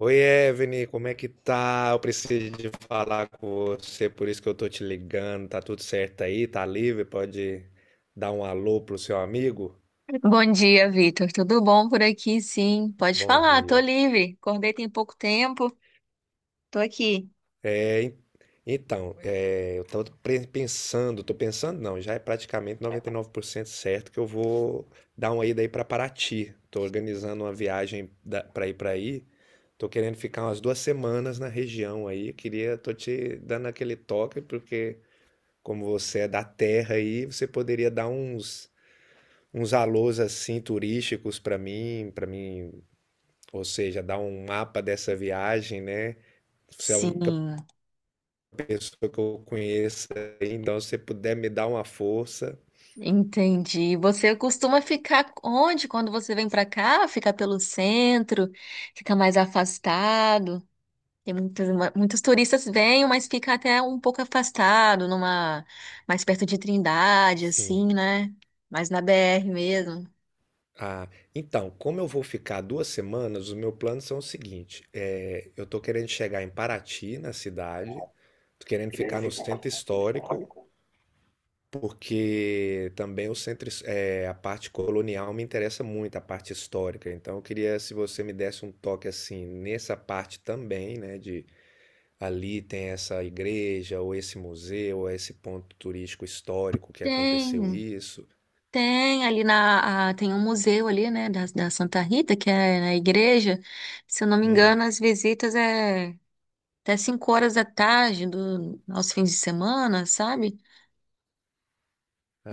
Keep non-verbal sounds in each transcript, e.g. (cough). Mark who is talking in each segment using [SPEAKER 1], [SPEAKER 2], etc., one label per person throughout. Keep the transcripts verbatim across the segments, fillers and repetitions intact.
[SPEAKER 1] Oi, Evne, como é que tá? Eu preciso de falar com você, por isso que eu tô te ligando. Tá tudo certo aí? Tá livre? Pode dar um alô pro seu amigo?
[SPEAKER 2] Bom dia, Vitor. Tudo bom por aqui? Sim, pode
[SPEAKER 1] Bom
[SPEAKER 2] falar, tô
[SPEAKER 1] dia.
[SPEAKER 2] livre. Acordei tem pouco tempo, tô aqui.
[SPEAKER 1] É, en- então, é, eu tô pre- pensando, tô pensando não, já é praticamente noventa e nove por cento certo que eu vou dar uma ida aí pra Paraty. Tô organizando uma viagem da, pra ir pra aí. Tô querendo ficar umas duas semanas na região aí. Queria, tô te dando aquele toque porque como você é da terra aí, você poderia dar uns uns alôs assim turísticos para mim, para mim, ou seja, dar um mapa dessa viagem, né? Você é a única
[SPEAKER 2] Sim,
[SPEAKER 1] pessoa que eu conheço, aí, então se você puder me dar uma força.
[SPEAKER 2] entendi. Você costuma ficar onde quando você vem pra cá? Fica pelo centro, fica mais afastado. Tem muitos, muitos turistas vêm, mas fica até um pouco afastado, numa mais perto de Trindade,
[SPEAKER 1] Sim.
[SPEAKER 2] assim, né? Mais na B R mesmo.
[SPEAKER 1] Ah, então, como eu vou ficar duas semanas, os meus planos são o seguinte: é, eu tô querendo chegar em Paraty, na cidade, tô querendo ficar no centro histórico. Porque também o centro, his- é, a parte colonial me interessa muito, a parte histórica. Então, eu queria se você me desse um toque assim nessa parte também, né? De ali tem essa igreja, ou esse museu, ou esse ponto turístico histórico que aconteceu
[SPEAKER 2] Tem.
[SPEAKER 1] isso.
[SPEAKER 2] Tem ali na, a- tem um museu ali, né, da, da Santa Rita, que é na igreja. Se eu não me
[SPEAKER 1] Hum.
[SPEAKER 2] engano, as visitas é até cinco horas da tarde do, aos fins de semana, sabe?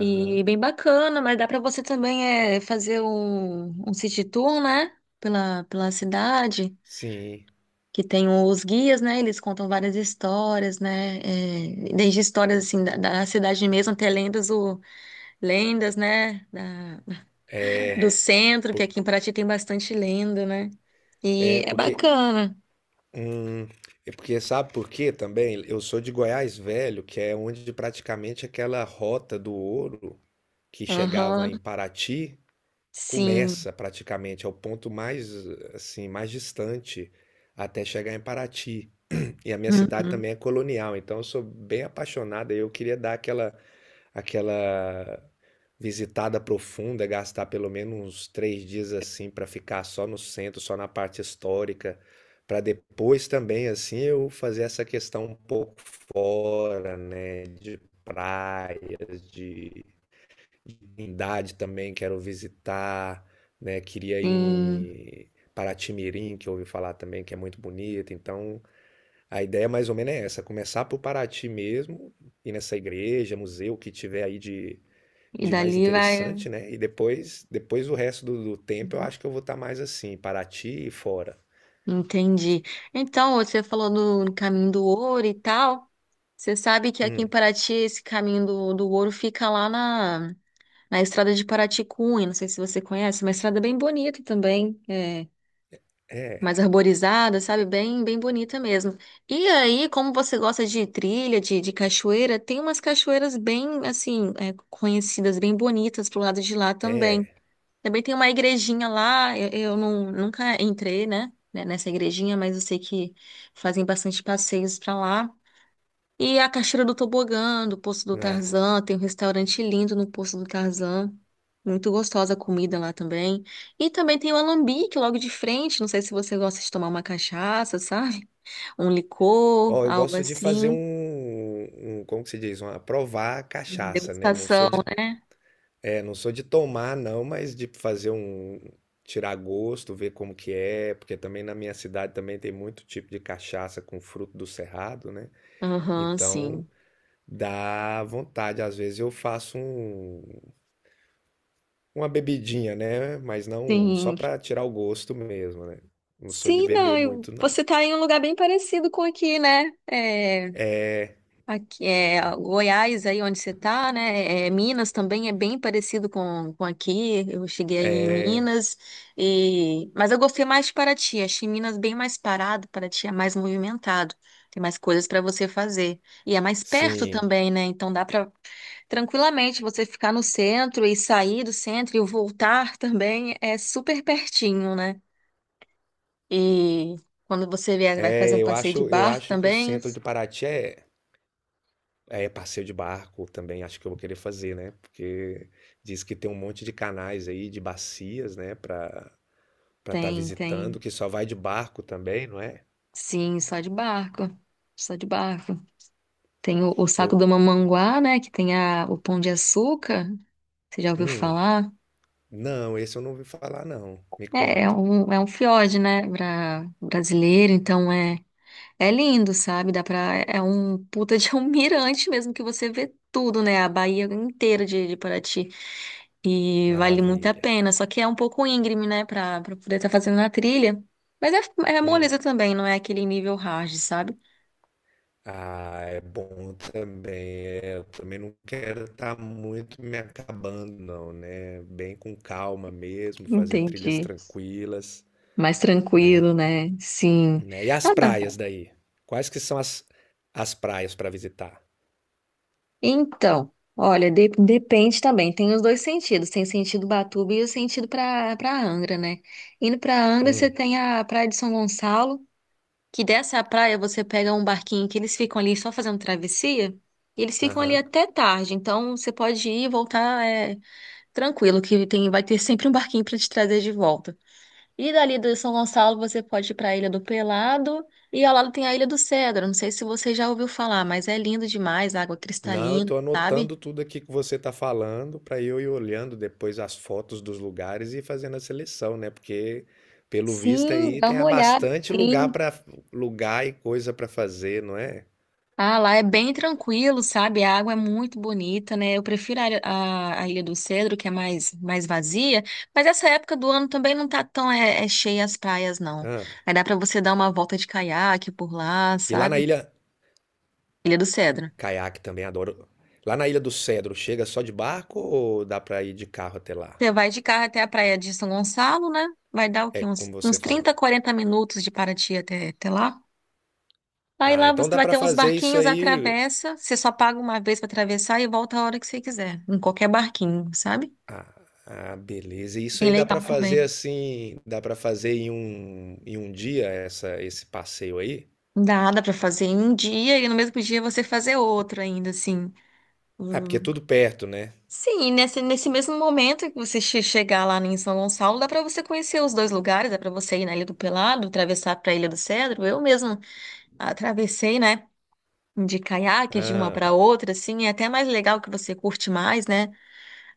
[SPEAKER 2] E bem bacana, mas dá para você também é, fazer um, um city tour, né, pela, pela cidade,
[SPEAKER 1] Sim.
[SPEAKER 2] que tem os guias, né, eles contam várias histórias, né, é, desde histórias, assim, da, da cidade mesmo até lendas, o, lendas, né, do centro, que
[SPEAKER 1] Por-
[SPEAKER 2] aqui em Paraty tem bastante lenda, né?
[SPEAKER 1] é
[SPEAKER 2] E é
[SPEAKER 1] porque.
[SPEAKER 2] bacana.
[SPEAKER 1] Hum, É porque sabe por quê também? Eu sou de Goiás Velho, que é onde praticamente aquela rota do ouro que chegava
[SPEAKER 2] Aham,
[SPEAKER 1] em Paraty.
[SPEAKER 2] sim.
[SPEAKER 1] Começa praticamente, é o ponto mais, assim, mais distante até chegar em Paraty. E a minha cidade
[SPEAKER 2] Uhum,
[SPEAKER 1] também é colonial, então eu sou bem apaixonado e eu queria dar aquela, aquela visitada profunda, gastar pelo menos uns três dias assim para ficar só no centro, só na parte histórica, para depois também assim eu fazer essa questão um pouco fora, né, de praias, de Trindade também quero visitar, né? Queria ir
[SPEAKER 2] sim.
[SPEAKER 1] em Paraty-Mirim, que eu ouvi falar também que é muito bonito. Então, a ideia mais ou menos é essa, começar por Paraty mesmo, ir nessa igreja, museu o que tiver aí de,
[SPEAKER 2] E
[SPEAKER 1] de mais
[SPEAKER 2] dali vai.
[SPEAKER 1] interessante, né? E depois, depois o resto do, do tempo eu acho que eu vou estar mais assim, Paraty e fora.
[SPEAKER 2] Entendi. Então, você falou do do caminho do ouro e tal. Você sabe que aqui em
[SPEAKER 1] Hum,
[SPEAKER 2] Paraty esse caminho do, do ouro fica lá na, na estrada de Paraty-Cunha. Não sei se você conhece, é uma estrada bem bonita também. É,
[SPEAKER 1] é,
[SPEAKER 2] mais arborizada, sabe? Bem, bem bonita mesmo. E aí, como você gosta de trilha, de, de cachoeira, tem umas cachoeiras bem, assim, é, conhecidas, bem bonitas pro lado de lá também.
[SPEAKER 1] é.
[SPEAKER 2] Também tem uma igrejinha lá, eu, eu não, nunca entrei, né, né, nessa igrejinha, mas eu sei que fazem bastante passeios pra lá. E a cachoeira do tobogã, do Poço do
[SPEAKER 1] Na...
[SPEAKER 2] Tarzan, tem um restaurante lindo no Poço do Tarzan. Muito gostosa a comida lá também. E também tem o alambique logo de frente. Não sei se você gosta de tomar uma cachaça, sabe? Um licor,
[SPEAKER 1] Ó, eu
[SPEAKER 2] algo
[SPEAKER 1] gosto de fazer
[SPEAKER 2] assim.
[SPEAKER 1] um, um, como que se diz, uma provar
[SPEAKER 2] Uma
[SPEAKER 1] cachaça, né? Não sou
[SPEAKER 2] degustação,
[SPEAKER 1] de
[SPEAKER 2] né?
[SPEAKER 1] É, não sou de tomar não, mas de fazer um tirar gosto, ver como que é, porque também na minha cidade também tem muito tipo de cachaça com fruto do cerrado, né?
[SPEAKER 2] Aham,
[SPEAKER 1] Então
[SPEAKER 2] sim.
[SPEAKER 1] dá vontade, às vezes eu faço um, uma bebidinha, né? Mas não só
[SPEAKER 2] Sim.
[SPEAKER 1] para tirar o gosto mesmo, né? Não sou de
[SPEAKER 2] Sim, não,
[SPEAKER 1] beber
[SPEAKER 2] eu-
[SPEAKER 1] muito não.
[SPEAKER 2] você tá em um lugar bem parecido com aqui, né? Aqui é Goiás aí onde você está, né? É, Minas também é bem parecido com, com aqui. Eu cheguei aí em Minas e mas eu gostei mais de Paraty. Achei Minas bem mais parado, Paraty é mais movimentado. Tem mais coisas para você fazer e é mais perto
[SPEAKER 1] Sim.
[SPEAKER 2] também, né? Então dá para tranquilamente você ficar no centro e sair do centro e voltar (laughs) também é super pertinho, né? E quando você vier, vai fazer
[SPEAKER 1] É,
[SPEAKER 2] um
[SPEAKER 1] eu
[SPEAKER 2] passeio de
[SPEAKER 1] acho, eu
[SPEAKER 2] barco
[SPEAKER 1] acho que o
[SPEAKER 2] também.
[SPEAKER 1] centro de Paraty é. É, passeio de barco também acho que eu vou querer fazer, né? Porque diz que tem um monte de canais aí, de bacias, né? Pra estar tá
[SPEAKER 2] Tem,
[SPEAKER 1] visitando,
[SPEAKER 2] tem
[SPEAKER 1] que só vai de barco também, não é?
[SPEAKER 2] Sim, só de barco. Só de barco. Tem o, o saco
[SPEAKER 1] Eu,
[SPEAKER 2] do Mamanguá, né? Que tem a, o Pão de Açúcar. Você já ouviu
[SPEAKER 1] hum,
[SPEAKER 2] falar?
[SPEAKER 1] não, esse eu não ouvi falar, não. Me
[SPEAKER 2] É, é
[SPEAKER 1] conta.
[SPEAKER 2] um, é um fiord, né? Pra, brasileiro, então é, é lindo, sabe? Dá pra, é é um puta de um (laughs) mirante mesmo que você vê tudo, né? A Bahia inteira de, de Paraty. E vale muito a
[SPEAKER 1] Maravilha.
[SPEAKER 2] pena. Só que é um pouco íngreme, né? Pra, pra poder estar fazendo na trilha. Mas é, é
[SPEAKER 1] Hum.
[SPEAKER 2] moleza também, não é aquele nível hard, sabe?
[SPEAKER 1] Ah, é bom também. É, eu também não quero estar muito me acabando, não, né? Bem com calma mesmo, fazer trilhas
[SPEAKER 2] Entendi.
[SPEAKER 1] tranquilas,
[SPEAKER 2] Mais
[SPEAKER 1] né?
[SPEAKER 2] tranquilo, né? Sim.
[SPEAKER 1] Né? E as
[SPEAKER 2] Ah,
[SPEAKER 1] praias daí? Quais que são as, as praias para visitar?
[SPEAKER 2] então, olha, de- depende também. Tem os dois sentidos. Tem sentido Batuba e o sentido para para Angra, né? Indo para Angra, você
[SPEAKER 1] Hum,
[SPEAKER 2] tem a Praia de São Gonçalo, que dessa praia você pega um barquinho que eles ficam ali só fazendo travessia, e eles ficam ali
[SPEAKER 1] aham.
[SPEAKER 2] até tarde. Então, você pode ir e voltar é, tranquilo, que tem vai ter sempre um barquinho para te trazer de volta. E dali do São Gonçalo você pode ir para a Ilha do Pelado e ao lado tem a Ilha do Cedro. Não sei se você já ouviu falar, mas é lindo demais, água
[SPEAKER 1] Não, eu
[SPEAKER 2] cristalina,
[SPEAKER 1] tô
[SPEAKER 2] sabe?
[SPEAKER 1] anotando tudo aqui que você tá falando para eu ir olhando depois as fotos dos lugares e fazendo a seleção, né? Porque pelo visto
[SPEAKER 2] Sim,
[SPEAKER 1] aí
[SPEAKER 2] dá
[SPEAKER 1] tem
[SPEAKER 2] uma
[SPEAKER 1] há
[SPEAKER 2] olhada,
[SPEAKER 1] bastante lugar
[SPEAKER 2] sim.
[SPEAKER 1] para lugar e coisa para fazer, não é?
[SPEAKER 2] Ah, lá é bem tranquilo, sabe? A água é muito bonita, né? Eu prefiro a, ilha- a, a Ilha do Cedro, que é mais, mais vazia, mas essa época do ano também não tá tão é, é cheia as praias, não.
[SPEAKER 1] Ah.
[SPEAKER 2] Aí dá para você dar uma volta de caiaque por lá,
[SPEAKER 1] E lá na
[SPEAKER 2] sabe?
[SPEAKER 1] ilha
[SPEAKER 2] Ilha do Cedro.
[SPEAKER 1] caiaque também adoro. Lá na Ilha do Cedro, chega só de barco ou dá para ir de carro até lá?
[SPEAKER 2] Você vai de carro até a praia de São Gonçalo, né? Vai dar o
[SPEAKER 1] É
[SPEAKER 2] quê? Uns,
[SPEAKER 1] como você
[SPEAKER 2] uns
[SPEAKER 1] falou.
[SPEAKER 2] trinta, quarenta minutos de Paraty até, até lá. Aí
[SPEAKER 1] Ah,
[SPEAKER 2] lá
[SPEAKER 1] então
[SPEAKER 2] você
[SPEAKER 1] dá
[SPEAKER 2] vai
[SPEAKER 1] para
[SPEAKER 2] ter uns
[SPEAKER 1] fazer isso
[SPEAKER 2] barquinhos,
[SPEAKER 1] aí.
[SPEAKER 2] atravessa. Você só paga uma vez para atravessar e volta a hora que você quiser, em qualquer barquinho, sabe?
[SPEAKER 1] Ah, ah, beleza. Isso
[SPEAKER 2] Bem
[SPEAKER 1] aí dá pra
[SPEAKER 2] legal
[SPEAKER 1] fazer
[SPEAKER 2] também.
[SPEAKER 1] assim, dá pra fazer em um, em um dia essa, esse passeio aí?
[SPEAKER 2] Dá, dá para fazer em um dia e no mesmo dia você fazer outro ainda, assim.
[SPEAKER 1] Ah, porque é
[SPEAKER 2] Hum.
[SPEAKER 1] tudo perto, né?
[SPEAKER 2] Sim, e nesse, nesse mesmo momento que você che- chegar lá em São Gonçalo, dá para você conhecer os dois lugares, dá para você ir na Ilha do Pelado, atravessar para a Ilha do Cedro. Eu mesmo atravessei, né? De caiaque de uma para
[SPEAKER 1] Ah,
[SPEAKER 2] outra, assim, é até mais legal que você curte mais, né?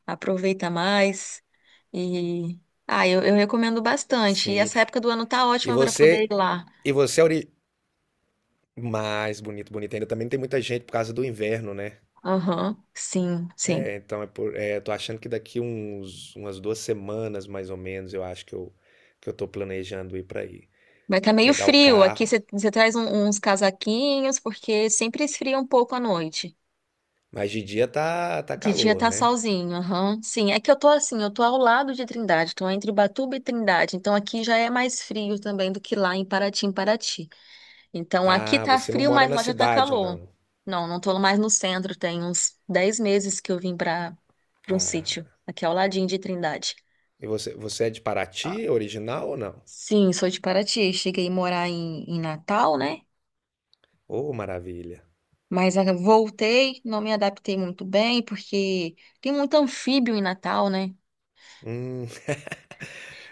[SPEAKER 2] Aproveita mais. E ah, eu, eu recomendo bastante. E
[SPEAKER 1] sim.
[SPEAKER 2] essa época do ano tá
[SPEAKER 1] E
[SPEAKER 2] ótima para poder ir
[SPEAKER 1] você,
[SPEAKER 2] lá.
[SPEAKER 1] e você é ori... mais bonito, bonito ainda. Também tem muita gente por causa do inverno, né?
[SPEAKER 2] Aham, sim, sim.
[SPEAKER 1] É, então é por, é, tô achando que daqui uns, umas duas semanas, mais ou menos, eu acho que eu, que eu tô planejando ir pra aí.
[SPEAKER 2] Vai tá meio
[SPEAKER 1] Pegar o
[SPEAKER 2] frio aqui.
[SPEAKER 1] carro.
[SPEAKER 2] Você você traz um- uns casaquinhos, porque sempre esfria um pouco à noite.
[SPEAKER 1] Mas de dia tá, tá
[SPEAKER 2] De dia
[SPEAKER 1] calor,
[SPEAKER 2] tá
[SPEAKER 1] né?
[SPEAKER 2] solzinho, aham. Sim, é que eu tô assim, eu tô ao lado de Trindade, tô entre Batuba e Trindade, então aqui já é mais frio também do que lá em Paraty, em Paraty. Então aqui
[SPEAKER 1] Ah,
[SPEAKER 2] tá
[SPEAKER 1] você não
[SPEAKER 2] frio,
[SPEAKER 1] mora
[SPEAKER 2] mas
[SPEAKER 1] na
[SPEAKER 2] lá já tá
[SPEAKER 1] cidade,
[SPEAKER 2] calor.
[SPEAKER 1] não.
[SPEAKER 2] Não, não tô mais no centro, tem uns dez meses que eu vim pra para um sítio,
[SPEAKER 1] Ah.
[SPEAKER 2] aqui ao ladinho de Trindade.
[SPEAKER 1] E você, você é de Paraty, original ou não?
[SPEAKER 2] Sim, sou de Paraty, cheguei a morar em, em Natal, né?
[SPEAKER 1] Oh, maravilha.
[SPEAKER 2] Mas ah, voltei, não me adaptei muito bem, porque tem muito anfíbio em Natal, né?
[SPEAKER 1] Hum,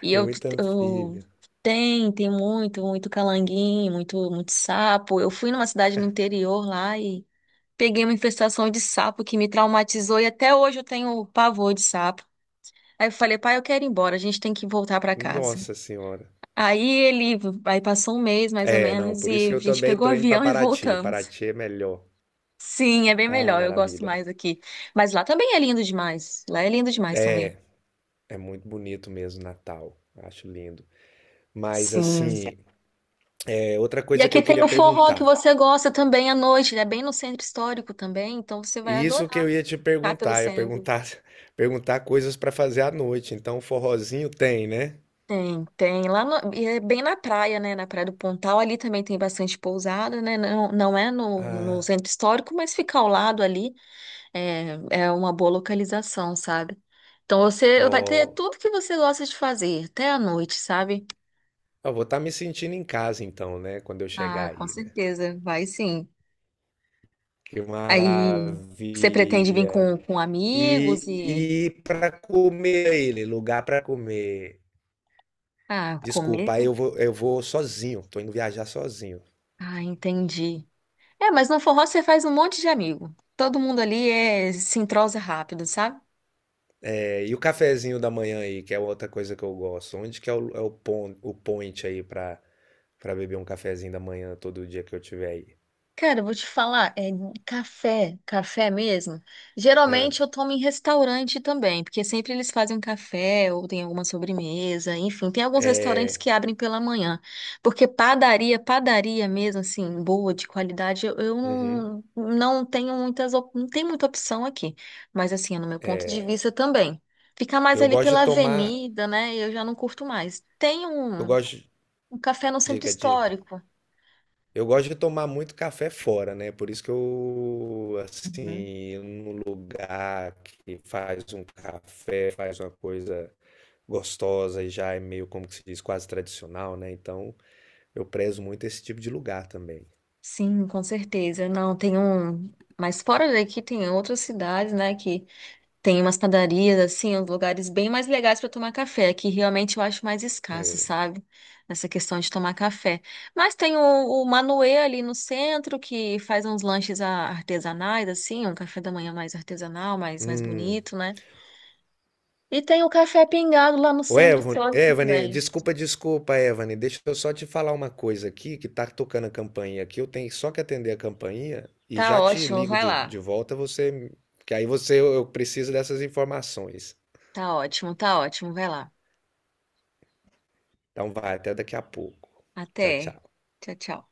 [SPEAKER 2] E
[SPEAKER 1] é
[SPEAKER 2] eu,
[SPEAKER 1] muito
[SPEAKER 2] eu
[SPEAKER 1] anfíbia.
[SPEAKER 2] tem, tem muito, muito calanguinho, muito, muito sapo. Eu fui numa cidade no interior lá. Peguei uma infestação de sapo que me traumatizou e até hoje eu tenho pavor de sapo. Aí eu falei, pai, eu quero ir embora, a gente tem que voltar pra casa.
[SPEAKER 1] Nossa senhora.
[SPEAKER 2] Aí ele, aí passou um mês mais ou
[SPEAKER 1] É, não,
[SPEAKER 2] menos
[SPEAKER 1] por isso
[SPEAKER 2] e
[SPEAKER 1] que
[SPEAKER 2] a
[SPEAKER 1] eu
[SPEAKER 2] gente
[SPEAKER 1] também
[SPEAKER 2] pegou o
[SPEAKER 1] tô indo pra
[SPEAKER 2] avião (laughs) e
[SPEAKER 1] Paraty.
[SPEAKER 2] voltamos.
[SPEAKER 1] Paraty é melhor.
[SPEAKER 2] Sim, é bem
[SPEAKER 1] Ah,
[SPEAKER 2] melhor, eu gosto
[SPEAKER 1] maravilha.
[SPEAKER 2] mais aqui. Mas lá também é lindo demais. Lá é lindo demais também.
[SPEAKER 1] É, é muito bonito mesmo Natal. Acho lindo. Mas
[SPEAKER 2] Sim.
[SPEAKER 1] assim, é outra
[SPEAKER 2] E
[SPEAKER 1] coisa que
[SPEAKER 2] aqui
[SPEAKER 1] eu
[SPEAKER 2] tem
[SPEAKER 1] queria
[SPEAKER 2] o forró que
[SPEAKER 1] perguntar.
[SPEAKER 2] você gosta também à noite, ele é bem no centro histórico também, então você vai
[SPEAKER 1] E isso que
[SPEAKER 2] adorar
[SPEAKER 1] eu ia te
[SPEAKER 2] ficar pelo
[SPEAKER 1] perguntar, ia
[SPEAKER 2] centro.
[SPEAKER 1] perguntar, (laughs) perguntar coisas pra fazer à noite. Então, forrozinho tem, né?
[SPEAKER 2] Tem, tem. Lá no- e é bem na praia, né? Na Praia do Pontal, ali também tem bastante pousada, né? Não, não é no, no
[SPEAKER 1] Ah,
[SPEAKER 2] centro histórico, mas fica ao lado ali é, é uma boa localização, sabe? Então você vai ter
[SPEAKER 1] ó,
[SPEAKER 2] tudo que você gosta de fazer, até à noite, sabe?
[SPEAKER 1] eu vou estar me sentindo em casa então, né, quando eu
[SPEAKER 2] Ah,
[SPEAKER 1] chegar
[SPEAKER 2] com
[SPEAKER 1] aí, né?
[SPEAKER 2] certeza, vai sim.
[SPEAKER 1] Que
[SPEAKER 2] Aí você pretende vir
[SPEAKER 1] maravilha!
[SPEAKER 2] com, com amigos
[SPEAKER 1] E,
[SPEAKER 2] e
[SPEAKER 1] e para comer ele, lugar para comer.
[SPEAKER 2] ah, comer?
[SPEAKER 1] Desculpa, aí eu vou, eu vou sozinho, tô indo viajar sozinho.
[SPEAKER 2] Ah, entendi. É, mas no forró você faz um monte de amigo. Todo mundo ali é, se entrosa rápido, sabe?
[SPEAKER 1] É, e o cafezinho da manhã aí, que é outra coisa que eu gosto. Onde que é o, é o, pon- o point aí pra, pra beber um cafezinho da manhã todo dia que eu tiver aí?
[SPEAKER 2] Cara, eu vou te falar, é café, café mesmo.
[SPEAKER 1] Ah,
[SPEAKER 2] Geralmente eu tomo em restaurante também, porque sempre eles fazem um café ou tem alguma sobremesa, enfim, tem alguns restaurantes
[SPEAKER 1] é,
[SPEAKER 2] que abrem pela manhã. Porque padaria, padaria mesmo, assim, boa, de qualidade, eu, eu
[SPEAKER 1] uhum.
[SPEAKER 2] não, não, tenho muitas, op- não tem muita opção aqui. Mas assim, é no meu ponto de vista também. Ficar mais
[SPEAKER 1] Eu
[SPEAKER 2] ali
[SPEAKER 1] gosto de
[SPEAKER 2] pela
[SPEAKER 1] tomar.
[SPEAKER 2] avenida, né? Eu já não curto mais. Tem
[SPEAKER 1] Eu
[SPEAKER 2] um,
[SPEAKER 1] gosto. de-
[SPEAKER 2] um café no centro
[SPEAKER 1] Diga, diga.
[SPEAKER 2] histórico.
[SPEAKER 1] Eu gosto de tomar muito café fora, né? Por isso que eu, assim, num lugar que faz um café, faz uma coisa gostosa e já é meio, como que se diz, quase tradicional, né? Então, eu prezo muito esse tipo de lugar também.
[SPEAKER 2] Sim, com certeza. Não, tem um. Mas fora daqui tem outras cidades, né, que tem umas padarias, assim, uns lugares bem mais legais para tomar café, que realmente eu acho mais escasso,
[SPEAKER 1] É.
[SPEAKER 2] sabe? Nessa questão de tomar café. Mas tem o, o Manuê ali no centro, que faz uns lanches a- artesanais, assim, um café da manhã mais artesanal, mais, mais
[SPEAKER 1] Hum.
[SPEAKER 2] bonito, né? E tem o Café Pingado lá no
[SPEAKER 1] Ô,
[SPEAKER 2] centro
[SPEAKER 1] Evan-
[SPEAKER 2] histórico
[SPEAKER 1] Evane,
[SPEAKER 2] também.
[SPEAKER 1] desculpa, desculpa, Evane. Deixa eu só te falar uma coisa aqui, que tá tocando a campainha aqui. Eu tenho só que atender a campainha e
[SPEAKER 2] Tá
[SPEAKER 1] já te
[SPEAKER 2] ótimo,
[SPEAKER 1] ligo
[SPEAKER 2] vai
[SPEAKER 1] de,
[SPEAKER 2] lá.
[SPEAKER 1] de volta, você, que aí você, eu eu preciso dessas informações.
[SPEAKER 2] Tá ótimo, tá ótimo, vai lá.
[SPEAKER 1] Então vai, até daqui a pouco. Tchau,
[SPEAKER 2] Até.
[SPEAKER 1] tchau.
[SPEAKER 2] Tchau, tchau.